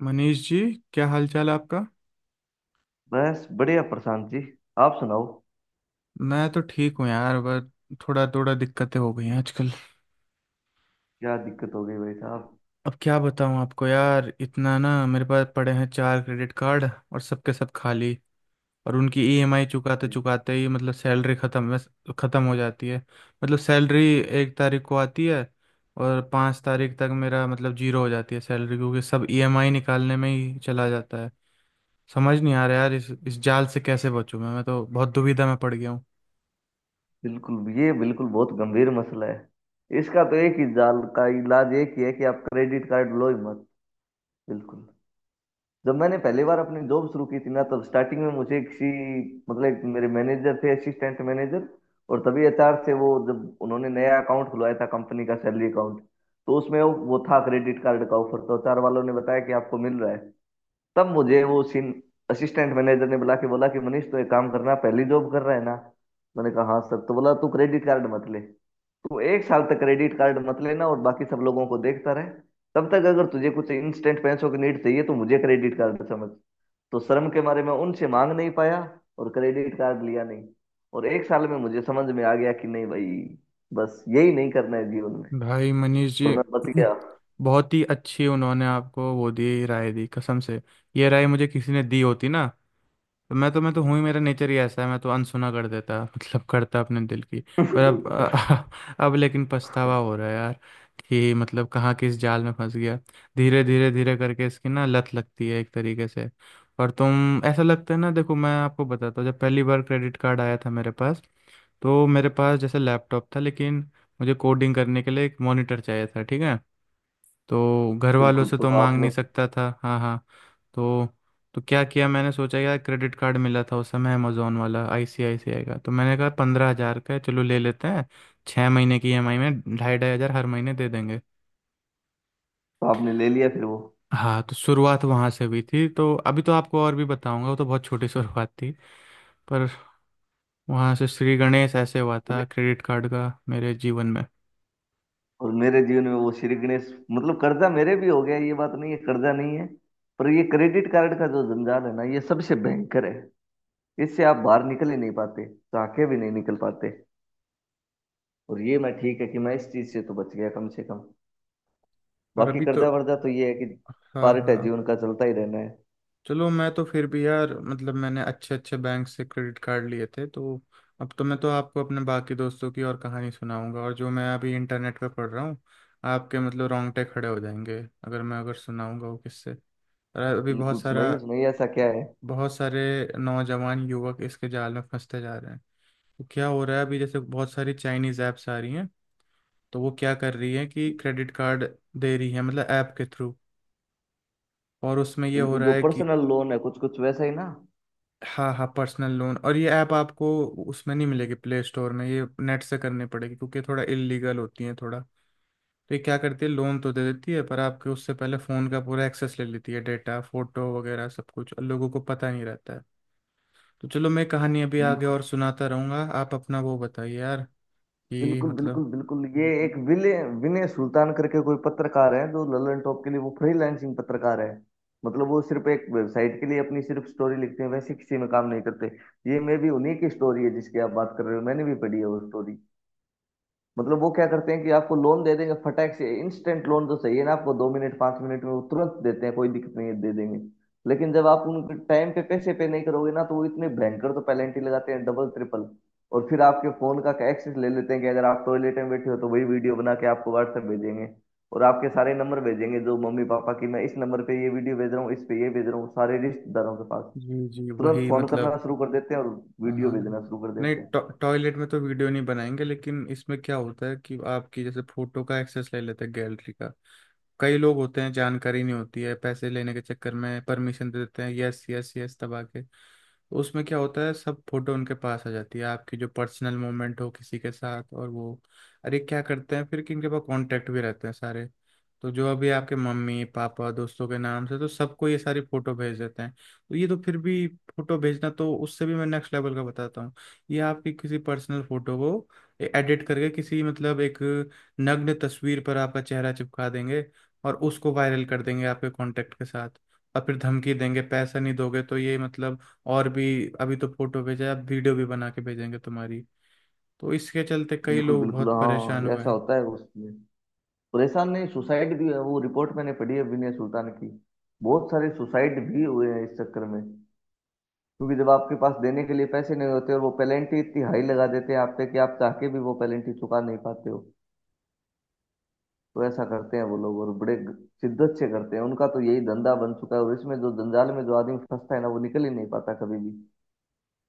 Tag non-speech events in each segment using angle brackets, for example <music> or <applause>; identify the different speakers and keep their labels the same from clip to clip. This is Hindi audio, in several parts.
Speaker 1: मनीष जी, क्या हाल चाल है आपका।
Speaker 2: बस बढ़िया प्रशांत जी। आप सुनाओ।
Speaker 1: मैं तो ठीक हूँ यार, बस थोड़ा थोड़ा दिक्कतें हो गई हैं आजकल।
Speaker 2: क्या दिक्कत हो गई भाई साहब?
Speaker 1: अब क्या बताऊँ आपको यार, इतना ना मेरे पास पड़े हैं चार क्रेडिट कार्ड और सबके सब खाली। और उनकी ईएमआई चुकाते चुकाते ही मतलब सैलरी ख़त्म, बस ख़त्म हो जाती है, मतलब सैलरी 1 तारीख को आती है और 5 तारीख तक मेरा मतलब जीरो हो जाती है सैलरी, क्योंकि सब ईएमआई निकालने में ही चला जाता है। समझ नहीं आ रहा यार इस जाल से कैसे बचूं, मैं तो बहुत दुविधा में पड़ गया।
Speaker 2: बिल्कुल, ये बिल्कुल बहुत गंभीर मसला है। इसका तो एक ही जाल का इलाज एक ही है कि आप क्रेडिट कार्ड लो ही मत। बिल्कुल। जब मैंने पहली बार अपनी जॉब शुरू की थी ना, तब स्टार्टिंग में मुझे किसी मतलब एक मेरे मैनेजर थे, असिस्टेंट मैनेजर। और तभी एचआर से वो जब उन्होंने नया अकाउंट खुलवाया था, कंपनी का सैलरी अकाउंट। तो उसमें वो था क्रेडिट कार्ड का ऑफर। तो एचआर वालों ने बताया कि आपको मिल रहा है। तब मुझे वो सीन, असिस्टेंट मैनेजर ने बुला के बोला कि मनीष तू एक काम करना, पहली जॉब कर रहा है ना। मैंने कहा हाँ सर। तो बोला तू क्रेडिट कार्ड मत ले। तू 1 साल तक क्रेडिट कार्ड मत लेना, और बाकी सब लोगों को देखता रहे। तब तक अगर तुझे कुछ इंस्टेंट पैसों की नीड चाहिए तो मुझे क्रेडिट कार्ड समझ। तो शर्म के मारे मैं उनसे मांग नहीं पाया, और क्रेडिट कार्ड लिया नहीं। और 1 साल में मुझे समझ में आ गया कि नहीं भाई, बस यही नहीं करना है जीवन में।
Speaker 1: भाई मनीष
Speaker 2: और
Speaker 1: जी,
Speaker 2: मैं बच गया।
Speaker 1: बहुत ही अच्छी उन्होंने आपको वो दी, राय दी कसम से। ये राय मुझे किसी ने दी होती ना तो मैं तो हूँ ही, मेरा नेचर ही ऐसा है, मैं तो अनसुना कर देता, मतलब करता अपने दिल की। पर
Speaker 2: <laughs>
Speaker 1: अब <laughs> अब लेकिन पछतावा हो रहा है यार, कि मतलब कहाँ किस जाल में फंस गया। धीरे धीरे धीरे करके इसकी ना लत लगती है एक तरीके से। और तुम ऐसा लगता है ना, देखो मैं आपको बताता हूँ, जब पहली बार क्रेडिट कार्ड आया था मेरे पास तो मेरे पास जैसे लैपटॉप था, लेकिन मुझे कोडिंग करने के लिए एक मॉनिटर चाहिए था, ठीक है? तो घर वालों
Speaker 2: बिल्कुल।
Speaker 1: से
Speaker 2: तो
Speaker 1: तो मांग
Speaker 2: आपने
Speaker 1: नहीं सकता था। हाँ हाँ। तो तो क्या किया, मैंने सोचा यार क्रेडिट कार्ड मिला था उस समय अमेजोन वाला आईसीआईसीआई का, तो मैंने कहा 15,000 का है, चलो ले लेते हैं। 6 महीने की ईएमआई में 2,500 2,500 हर महीने दे देंगे।
Speaker 2: आपने ले लिया फिर वो।
Speaker 1: हाँ, तो शुरुआत वहाँ से हुई थी। तो अभी तो आपको और भी बताऊंगा, वो तो बहुत छोटी शुरुआत थी। पर वहाँ से श्री गणेश ऐसे हुआ था क्रेडिट कार्ड का मेरे जीवन में।
Speaker 2: और मेरे जीवन में वो श्री गणेश मतलब कर्जा मेरे भी हो गया। ये बात नहीं है, कर्जा नहीं है। पर ये क्रेडिट कार्ड का जो जंजाल है ना, ये सबसे भयंकर है। इससे आप बाहर निकल ही नहीं पाते। ताके भी नहीं निकल पाते। और ये, मैं ठीक है कि मैं इस चीज से तो बच गया कम से कम।
Speaker 1: और
Speaker 2: बाकी
Speaker 1: अभी तो,
Speaker 2: कर्जा वर्जा तो ये है कि
Speaker 1: हाँ
Speaker 2: पार्ट है
Speaker 1: हाँ,
Speaker 2: जीवन का, चलता ही रहना है।
Speaker 1: चलो मैं तो फिर भी यार, मतलब मैंने अच्छे अच्छे बैंक से क्रेडिट कार्ड लिए थे तो। अब तो मैं तो आपको अपने बाकी दोस्तों की और कहानी सुनाऊंगा, और जो मैं अभी इंटरनेट पे पढ़ रहा हूँ आपके, मतलब रोंगटे खड़े हो जाएंगे अगर मैं, अगर सुनाऊंगा वो किससे। और अभी
Speaker 2: बिल्कुल। सुनाइए सुनाइए, ऐसा क्या है?
Speaker 1: बहुत सारे नौजवान युवक इसके जाल में फंसते जा रहे हैं। तो क्या हो रहा है अभी जैसे बहुत सारी चाइनीज ऐप्स आ रही हैं, तो वो क्या कर रही है कि क्रेडिट कार्ड दे रही है मतलब ऐप के थ्रू, और उसमें ये हो
Speaker 2: बिल्कुल,
Speaker 1: रहा
Speaker 2: जो
Speaker 1: है कि,
Speaker 2: पर्सनल लोन है कुछ कुछ वैसा ही ना।
Speaker 1: हाँ हाँ, पर्सनल लोन। और ये ऐप आपको उसमें नहीं मिलेगी प्ले स्टोर में, ये नेट से करनी पड़ेगी क्योंकि ये थोड़ा इलीगल होती है थोड़ा। तो ये क्या करती है, लोन तो दे देती है पर आपके उससे पहले फ़ोन का पूरा एक्सेस ले लेती है, डेटा फोटो वगैरह सब कुछ, और लोगों को पता नहीं रहता है। तो चलो मैं कहानी अभी आगे और सुनाता रहूंगा, आप अपना वो बताइए यार, कि
Speaker 2: बिल्कुल, बिल्कुल,
Speaker 1: मतलब।
Speaker 2: बिल्कुल, ये एक विनय विनय सुल्तान करके कोई पत्रकार है, जो ललन टॉप के लिए वो फ्रीलांसिंग पत्रकार है। मतलब वो सिर्फ एक वेबसाइट के लिए अपनी सिर्फ स्टोरी लिखते हैं, वैसे किसी में काम नहीं करते। ये मे भी उन्हीं की स्टोरी है जिसकी आप बात कर रहे हो, मैंने भी पढ़ी है वो स्टोरी। मतलब वो क्या करते हैं कि आपको लोन दे देंगे फटाक से, इंस्टेंट लोन तो चाहिए ना आपको, 2 मिनट 5 मिनट में वो तुरंत देते हैं, कोई दिक्कत नहीं है, दे देंगे। लेकिन जब आप उनके टाइम पे पैसे पे नहीं करोगे ना, तो वो इतने भयंकर तो पेनल्टी लगाते हैं, डबल ट्रिपल। और फिर आपके फोन का एक्सेस ले लेते हैं कि अगर आप टॉयलेट में बैठे हो तो वही वीडियो बना के आपको व्हाट्सएप भेजेंगे। और आपके सारे नंबर भेजेंगे, जो मम्मी पापा की, मैं इस नंबर पे ये वीडियो भेज रहा हूँ, इस पे ये भेज रहा हूँ, सारे रिश्तेदारों के पास
Speaker 1: जी जी,
Speaker 2: तुरंत
Speaker 1: वही
Speaker 2: फोन करना
Speaker 1: मतलब,
Speaker 2: शुरू कर देते हैं, और
Speaker 1: हाँ
Speaker 2: वीडियो
Speaker 1: हाँ, हाँ।
Speaker 2: भेजना शुरू कर
Speaker 1: नहीं,
Speaker 2: देते हैं।
Speaker 1: टॉयलेट में तो वीडियो नहीं बनाएंगे, लेकिन इसमें क्या होता है कि आपकी जैसे फोटो का एक्सेस ले लेते हैं, गैलरी का। कई लोग होते हैं जानकारी नहीं होती है, पैसे लेने के चक्कर में परमिशन दे देते हैं, यस यस यस दबा के। तो उसमें क्या होता है, सब फोटो उनके पास आ जाती है आपकी, जो पर्सनल मोमेंट हो किसी के साथ। और वो, अरे क्या करते हैं फिर, कि इनके पास कांटेक्ट भी रहते हैं सारे, तो जो अभी आपके मम्मी पापा दोस्तों के नाम से तो सबको ये सारी फोटो भेज देते हैं। तो ये तो फिर भी, फोटो भेजना, तो उससे भी मैं नेक्स्ट लेवल का बताता हूँ। ये आपकी किसी पर्सनल फोटो को एडिट करके किसी, मतलब एक नग्न तस्वीर पर आपका चेहरा चिपका देंगे और उसको वायरल कर देंगे आपके कांटेक्ट के साथ। और फिर धमकी देंगे, पैसा नहीं दोगे तो ये, मतलब और भी, अभी तो फोटो भेजा है, अब वीडियो भी बना के भेजेंगे तुम्हारी। तो इसके चलते कई
Speaker 2: बिल्कुल,
Speaker 1: लोग
Speaker 2: बिल्कुल,
Speaker 1: बहुत परेशान
Speaker 2: हाँ,
Speaker 1: हुए
Speaker 2: ऐसा
Speaker 1: हैं।
Speaker 2: होता है उसमें। परेशान नहीं, सुसाइड भी है। वो रिपोर्ट मैंने पढ़ी है विनय सुल्तान की। बहुत सारे सुसाइड भी हुए हैं इस चक्कर में, क्योंकि जब आपके पास देने के लिए पैसे नहीं होते, और वो पेनल्टी इतनी हाई लगा देते हैं आप पे कि आप चाह के भी वो पेनल्टी चुका नहीं पाते हो। तो ऐसा करते हैं वो लोग, और बड़े शिद्दत से करते हैं, उनका तो यही धंधा बन चुका है। और इसमें जो जंजाल में जो आदमी फंसता है ना, वो निकल ही नहीं पाता कभी भी।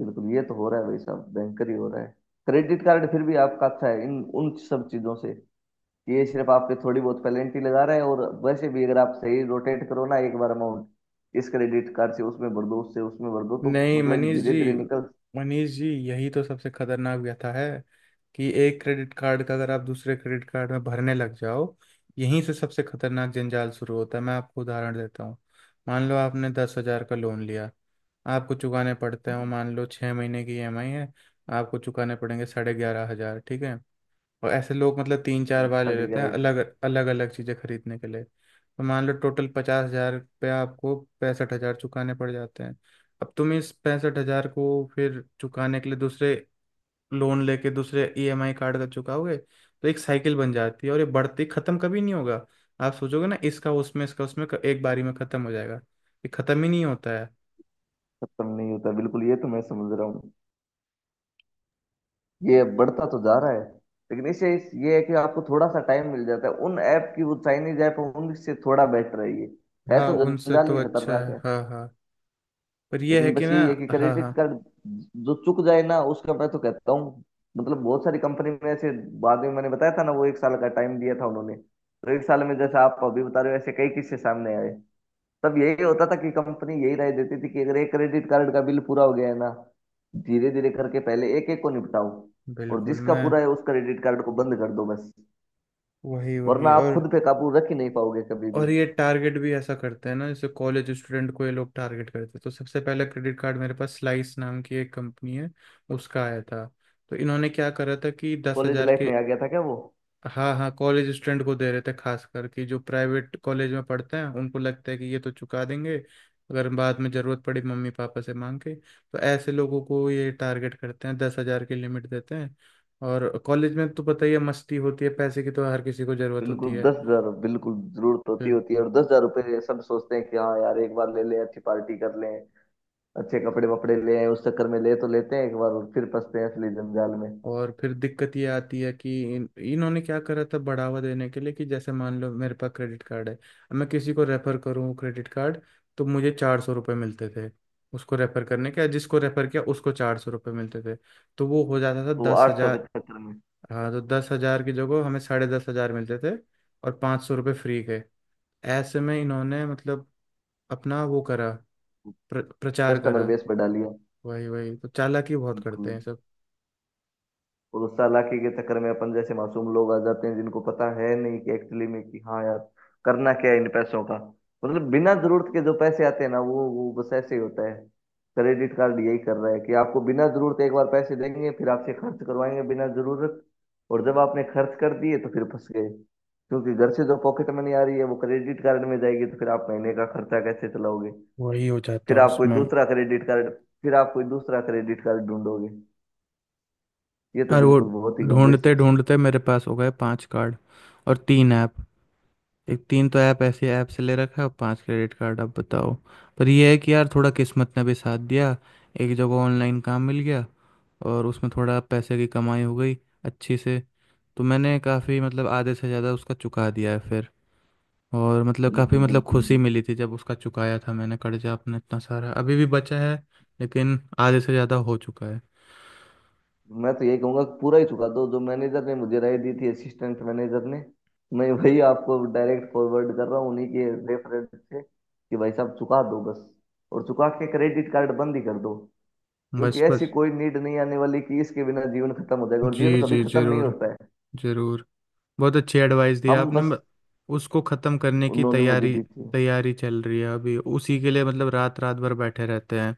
Speaker 2: बिल्कुल, ये तो हो रहा है भाई साहब, भयंकर ही हो रहा है। क्रेडिट कार्ड फिर भी आपका अच्छा है इन उन सब चीजों से। ये सिर्फ आपके थोड़ी बहुत पेनल्टी लगा रहा है। और वैसे भी अगर आप सही रोटेट करो ना, एक बार अमाउंट इस क्रेडिट कार्ड से उसमें भर दो, उससे उसमें भर दो, तो
Speaker 1: नहीं
Speaker 2: मतलब
Speaker 1: मनीष
Speaker 2: धीरे धीरे
Speaker 1: जी,
Speaker 2: निकल
Speaker 1: मनीष जी यही तो सबसे खतरनाक व्यथा है, कि एक क्रेडिट कार्ड का अगर आप दूसरे क्रेडिट कार्ड में भरने लग जाओ, यहीं से सबसे खतरनाक जंजाल शुरू होता है। मैं आपको उदाहरण देता हूँ। मान लो आपने 10,000 का लोन लिया, आपको चुकाने पड़ते हैं, वो मान लो 6 महीने की ईएमआई है, आपको चुकाने पड़ेंगे 11,500, ठीक है? और ऐसे लोग मतलब तीन चार बार ले
Speaker 2: सड़ेगा,
Speaker 1: लेते हैं,
Speaker 2: राइट।
Speaker 1: अलग अलग अलग चीज़ें खरीदने के लिए, तो मान लो टोटल 50,000 रुपया आपको, 65,000 चुकाने पड़ जाते हैं। अब तुम इस 65,000 को फिर चुकाने के लिए दूसरे लोन लेके दूसरे ईएमआई कार्ड का चुकाओगे, तो एक साइकिल बन जाती है और ये बढ़ती, खत्म कभी नहीं होगा। आप सोचोगे ना इसका उसमें, इसका उसमें एक बारी में खत्म हो जाएगा, ये खत्म ही नहीं होता है।
Speaker 2: खत्म नहीं होता, बिल्कुल ये तो मैं समझ रहा हूँ, ये बढ़ता तो जा रहा है। लेकिन इससे ये है कि आपको थोड़ा सा टाइम मिल जाता है, उन ऐप की, वो चाइनीज ऐप, उनसे थोड़ा बेटर है ये। है
Speaker 1: हाँ
Speaker 2: तो
Speaker 1: उनसे
Speaker 2: जंजाल
Speaker 1: तो
Speaker 2: ही
Speaker 1: अच्छा
Speaker 2: खतरनाक
Speaker 1: है,
Speaker 2: है।
Speaker 1: हाँ हाँ। पर यह
Speaker 2: लेकिन
Speaker 1: है कि
Speaker 2: बस
Speaker 1: ना,
Speaker 2: यही है कि
Speaker 1: हाँ
Speaker 2: क्रेडिट
Speaker 1: हाँ।
Speaker 2: कार्ड जो चुक जाए ना, उसका मैं तो कहता हूँ। मतलब बहुत सारी कंपनी में ऐसे, बाद में मैंने बताया था ना, वो 1 साल का टाइम दिया था उन्होंने, तो 1 साल में जैसे आप अभी बता रहे हो ऐसे कई किस्से सामने आए। तब यही होता था कि कंपनी यही राय देती थी कि अगर एक क्रेडिट कार्ड का बिल पूरा हो गया है ना, धीरे धीरे करके पहले एक एक को निपटाओ, और
Speaker 1: बिल्कुल
Speaker 2: जिसका
Speaker 1: मैं,
Speaker 2: पूरा है उस क्रेडिट कार्ड को बंद कर दो बस।
Speaker 1: वही
Speaker 2: वरना
Speaker 1: वही
Speaker 2: आप
Speaker 1: और
Speaker 2: खुद पे काबू रख ही नहीं पाओगे कभी
Speaker 1: और
Speaker 2: भी।
Speaker 1: ये टारगेट भी ऐसा करते हैं ना, जैसे कॉलेज स्टूडेंट को ये लोग टारगेट करते हैं। तो सबसे पहला क्रेडिट कार्ड मेरे पास स्लाइस नाम की एक कंपनी है, उसका आया था। तो इन्होंने क्या करा था कि दस
Speaker 2: कॉलेज
Speaker 1: हजार
Speaker 2: लाइफ
Speaker 1: के,
Speaker 2: में आ गया था क्या वो?
Speaker 1: हाँ हाँ, कॉलेज स्टूडेंट को दे रहे थे खास करके, जो प्राइवेट कॉलेज में पढ़ते हैं उनको लगता है कि ये तो चुका देंगे, अगर बाद में ज़रूरत पड़ी मम्मी पापा से मांग के, तो ऐसे लोगों को ये टारगेट करते हैं, 10,000 की लिमिट देते हैं। और कॉलेज में तो पता ही है मस्ती होती है, पैसे की तो हर किसी को ज़रूरत
Speaker 2: बिल्कुल,
Speaker 1: होती
Speaker 2: 10,000, बिल्कुल, जरूरत होती
Speaker 1: है।
Speaker 2: होती है और 10,000 रुपये सब सोचते हैं कि हाँ यार, एक बार ले लें, अच्छी पार्टी कर लें, अच्छे कपड़े वपड़े ले आएं, उस चक्कर में ले तो लेते हैं एक बार, और फिर फंसते हैं असली जंजाल में।
Speaker 1: और फिर दिक्कत ये आती है कि इन्होंने क्या करा था बढ़ावा देने के लिए, कि जैसे मान लो मेरे पास क्रेडिट कार्ड है, अब मैं किसी को रेफर करूँ क्रेडिट कार्ड तो मुझे ₹400 मिलते थे उसको रेफर करने के, जिसको रेफर किया उसको ₹400 मिलते थे, तो वो हो जाता था
Speaker 2: तो
Speaker 1: दस
Speaker 2: 800 के
Speaker 1: हजार
Speaker 2: चक्कर में
Speaker 1: हाँ तो 10,000 की जगह हमें 10,500 मिलते थे, और ₹500 फ्री के। ऐसे में इन्होंने, मतलब अपना वो करा, प्रचार
Speaker 2: कस्टमर
Speaker 1: करा।
Speaker 2: बेस पे डालिए।
Speaker 1: वही वही, तो चालाकी बहुत करते
Speaker 2: बिल्कुल।
Speaker 1: हैं सब।
Speaker 2: और उस चालाकी के चक्कर में अपन जैसे मासूम लोग आ जाते हैं, जिनको पता है नहीं कि एक्चुअली में, कि हाँ यार करना क्या है इन पैसों का। मतलब बिना जरूरत के जो पैसे आते हैं ना, वो बस ऐसे ही होता है। क्रेडिट कार्ड यही कर रहा है कि आपको बिना जरूरत एक बार पैसे देंगे, फिर आपसे खर्च करवाएंगे बिना जरूरत। और जब आपने खर्च कर दिए तो फिर फंस गए, क्योंकि घर से जो पॉकेट मनी आ रही है वो क्रेडिट कार्ड में जाएगी, तो फिर आप महीने का खर्चा कैसे चलाओगे?
Speaker 1: वही हो जाता
Speaker 2: फिर
Speaker 1: है
Speaker 2: आप कोई
Speaker 1: उसमें।
Speaker 2: दूसरा क्रेडिट कार्ड फिर आप कोई दूसरा क्रेडिट कार्ड ढूंढोगे। ये तो
Speaker 1: और वो
Speaker 2: बिल्कुल बहुत ही गंभीर
Speaker 1: ढूंढते
Speaker 2: समस्या।
Speaker 1: ढूंढते मेरे पास हो गए पांच कार्ड और तीन ऐप। एक, तीन तो ऐप ऐसे ऐप से ले रखा है और पांच क्रेडिट कार्ड, अब बताओ। पर ये है कि यार थोड़ा किस्मत ने भी साथ दिया, एक जगह ऑनलाइन काम मिल गया और उसमें थोड़ा पैसे की कमाई हो गई अच्छी से। तो मैंने काफ़ी, मतलब आधे से ज़्यादा उसका चुका दिया है फिर। और मतलब काफ़ी,
Speaker 2: बिल्कुल,
Speaker 1: मतलब
Speaker 2: बिल्कुल।
Speaker 1: खुशी मिली थी जब उसका चुकाया था मैंने, कर्जा अपना इतना सारा अभी भी बचा है लेकिन आधे से ज़्यादा हो चुका है।
Speaker 2: मैं तो ये कहूंगा कि पूरा ही चुका दो, जो मैनेजर ने मुझे राय दी थी, असिस्टेंट मैनेजर ने। मैं वही आपको डायरेक्ट फॉरवर्ड कर रहा हूँ उन्हीं के रेफरेंस से कि भाई साहब चुका दो बस। और चुका के क्रेडिट कार्ड बंद ही कर दो। क्योंकि
Speaker 1: बस
Speaker 2: ऐसी
Speaker 1: बस,
Speaker 2: कोई नीड नहीं आने वाली कि इसके बिना जीवन खत्म हो जाएगा, और जीवन
Speaker 1: जी
Speaker 2: कभी
Speaker 1: जी
Speaker 2: खत्म नहीं
Speaker 1: ज़रूर,
Speaker 2: होता है।
Speaker 1: ज़रूर। बहुत अच्छी एडवाइस दी
Speaker 2: हम
Speaker 1: आपने।
Speaker 2: बस।
Speaker 1: उसको ख़त्म करने की
Speaker 2: उन्होंने मुझे
Speaker 1: तैयारी,
Speaker 2: दी थी।
Speaker 1: तैयारी चल रही है अभी उसी के लिए, मतलब रात रात भर बैठे रहते हैं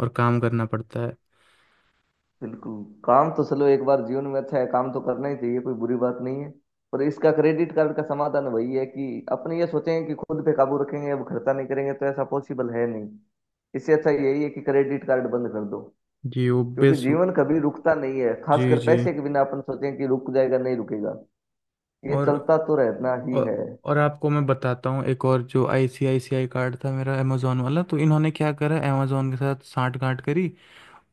Speaker 1: और काम करना पड़ता है।
Speaker 2: बिल्कुल, काम तो चलो एक बार जीवन में अच्छा है, काम तो करना ही चाहिए, कोई बुरी बात नहीं है। पर इसका क्रेडिट कार्ड का समाधान वही है कि अपने ये सोचें कि खुद पे काबू रखेंगे अब खर्चा नहीं करेंगे, तो ऐसा पॉसिबल है नहीं। इससे अच्छा यही है कि क्रेडिट कार्ड बंद कर दो।
Speaker 1: जी वो
Speaker 2: क्योंकि
Speaker 1: बेस,
Speaker 2: जीवन कभी रुकता नहीं है,
Speaker 1: जी
Speaker 2: खासकर
Speaker 1: जी।
Speaker 2: पैसे के बिना अपन सोचें कि रुक जाएगा, नहीं रुकेगा। ये
Speaker 1: और,
Speaker 2: चलता तो रहना ही है।
Speaker 1: और, और आपको मैं बताता हूँ एक और, जो आईसीआईसीआई कार्ड था मेरा अमेजोन वाला, तो इन्होंने क्या करा, अमेजोन के साथ सांठ गांठ करी,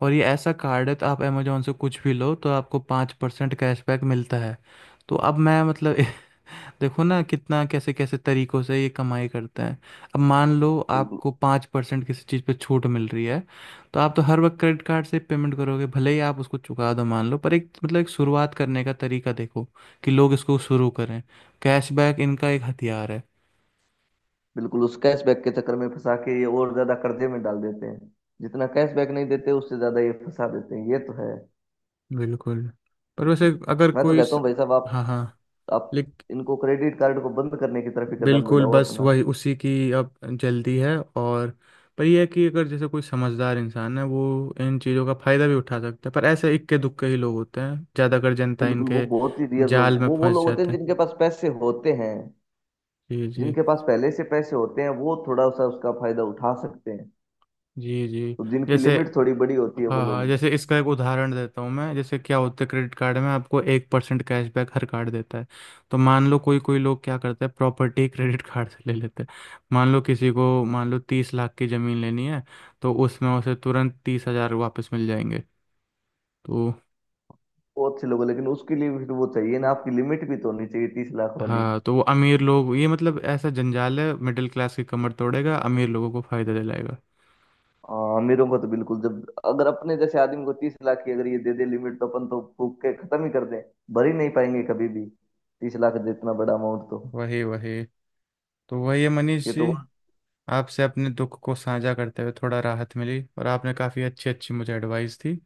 Speaker 1: और ये ऐसा कार्ड है तो आप अमेजोन से कुछ भी लो तो आपको 5% कैशबैक मिलता है। तो अब मैं, मतलब <laughs> देखो ना कितना कैसे कैसे तरीकों से ये कमाई करते हैं। अब मान लो
Speaker 2: बिल्कुल,
Speaker 1: आपको 5% किसी चीज़ पे छूट मिल रही है, तो आप तो हर वक्त क्रेडिट कार्ड से पेमेंट करोगे, भले ही आप उसको चुका दो मान लो, पर एक, मतलब एक शुरुआत करने का तरीका देखो कि लोग इसको शुरू करें। कैशबैक इनका एक हथियार है।
Speaker 2: बिल्कुल, उस कैशबैक के चक्कर में फंसा के ये और ज्यादा कर्जे में डाल देते हैं। जितना कैशबैक नहीं देते, उससे ज्यादा ये फंसा देते हैं, ये तो है।
Speaker 1: बिल्कुल, पर वैसे
Speaker 2: बिल्कुल।
Speaker 1: अगर
Speaker 2: मैं तो
Speaker 1: कोई
Speaker 2: कहता
Speaker 1: इस,
Speaker 2: हूँ भाई साहब, आप
Speaker 1: हाँ हाँ,
Speaker 2: आप इनको क्रेडिट कार्ड को बंद करने की तरफ ही कदम
Speaker 1: बिल्कुल
Speaker 2: बढ़ाओ
Speaker 1: बस
Speaker 2: अपना।
Speaker 1: वही उसी की अब जल्दी है और। पर यह है कि अगर जैसे कोई समझदार इंसान है वो इन चीज़ों का फ़ायदा भी उठा सकता है, पर ऐसे इक्के दुक्के ही लोग होते हैं, ज़्यादातर जनता
Speaker 2: बिल्कुल, वो
Speaker 1: इनके
Speaker 2: बहुत ही रियर लोग,
Speaker 1: जाल में
Speaker 2: वो लोग
Speaker 1: फंस
Speaker 2: होते हैं
Speaker 1: जाते हैं।
Speaker 2: जिनके पास पैसे होते हैं।
Speaker 1: जी जी,
Speaker 2: जिनके पास पहले से पैसे होते हैं वो थोड़ा सा उसका फायदा उठा सकते हैं।
Speaker 1: जी जी।
Speaker 2: तो जिनकी
Speaker 1: जैसे,
Speaker 2: लिमिट थोड़ी बड़ी होती है वो
Speaker 1: हाँ हाँ,
Speaker 2: लोग,
Speaker 1: जैसे इसका एक उदाहरण देता हूँ मैं, जैसे क्या होता है, क्रेडिट कार्ड में आपको 1% कैशबैक हर कार्ड देता है। तो मान लो कोई कोई लोग क्या करते हैं, प्रॉपर्टी क्रेडिट कार्ड से ले लेते हैं। मान लो किसी को, मान लो 30 लाख की ज़मीन लेनी है, तो उसमें उसे तुरंत 30,000 वापस मिल जाएंगे तो।
Speaker 2: वो अच्छे लोग हैं। लेकिन उसके लिए भी वो चाहिए ना, आपकी लिमिट भी तो होनी चाहिए 30 लाख वाली।
Speaker 1: हाँ तो वो अमीर लोग, ये मतलब ऐसा जंजाल है, मिडिल क्लास की कमर तोड़ेगा, अमीर लोगों को फायदा दिलाएगा।
Speaker 2: हाँ, अमीरों को तो बिल्कुल। जब अगर अपने जैसे आदमी को 30 लाख की अगर ये दे दे लिमिट, तो अपन तो फूक के खत्म ही कर दें। भर ही नहीं पाएंगे कभी भी 30 लाख जितना बड़ा अमाउंट तो।
Speaker 1: वही वही, तो वही है
Speaker 2: ये
Speaker 1: मनीष जी।
Speaker 2: तो।
Speaker 1: आपसे अपने दुख को साझा करते हुए थोड़ा राहत मिली, और आपने काफ़ी अच्छी अच्छी मुझे एडवाइस दी,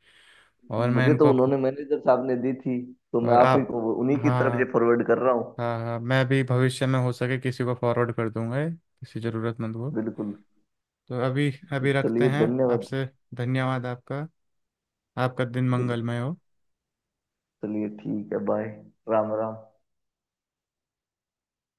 Speaker 1: और मैं
Speaker 2: मुझे तो
Speaker 1: इनको
Speaker 2: उन्होंने, मैनेजर साहब ने दी थी, तो मैं
Speaker 1: और
Speaker 2: आप ही
Speaker 1: आप,
Speaker 2: को उन्हीं की तरफ
Speaker 1: हाँ,
Speaker 2: से फॉरवर्ड कर रहा हूँ।
Speaker 1: हाँ हाँ मैं भी भविष्य में हो सके किसी को फॉरवर्ड कर दूंगा ये, किसी ज़रूरतमंद को।
Speaker 2: बिल्कुल,
Speaker 1: तो अभी
Speaker 2: बिल्कुल।
Speaker 1: अभी रखते
Speaker 2: चलिए
Speaker 1: हैं।
Speaker 2: धन्यवाद।
Speaker 1: आपसे, धन्यवाद आपका। आपका दिन
Speaker 2: बिल्कुल।
Speaker 1: मंगलमय हो।
Speaker 2: चलिए ठीक है, बाय। राम राम।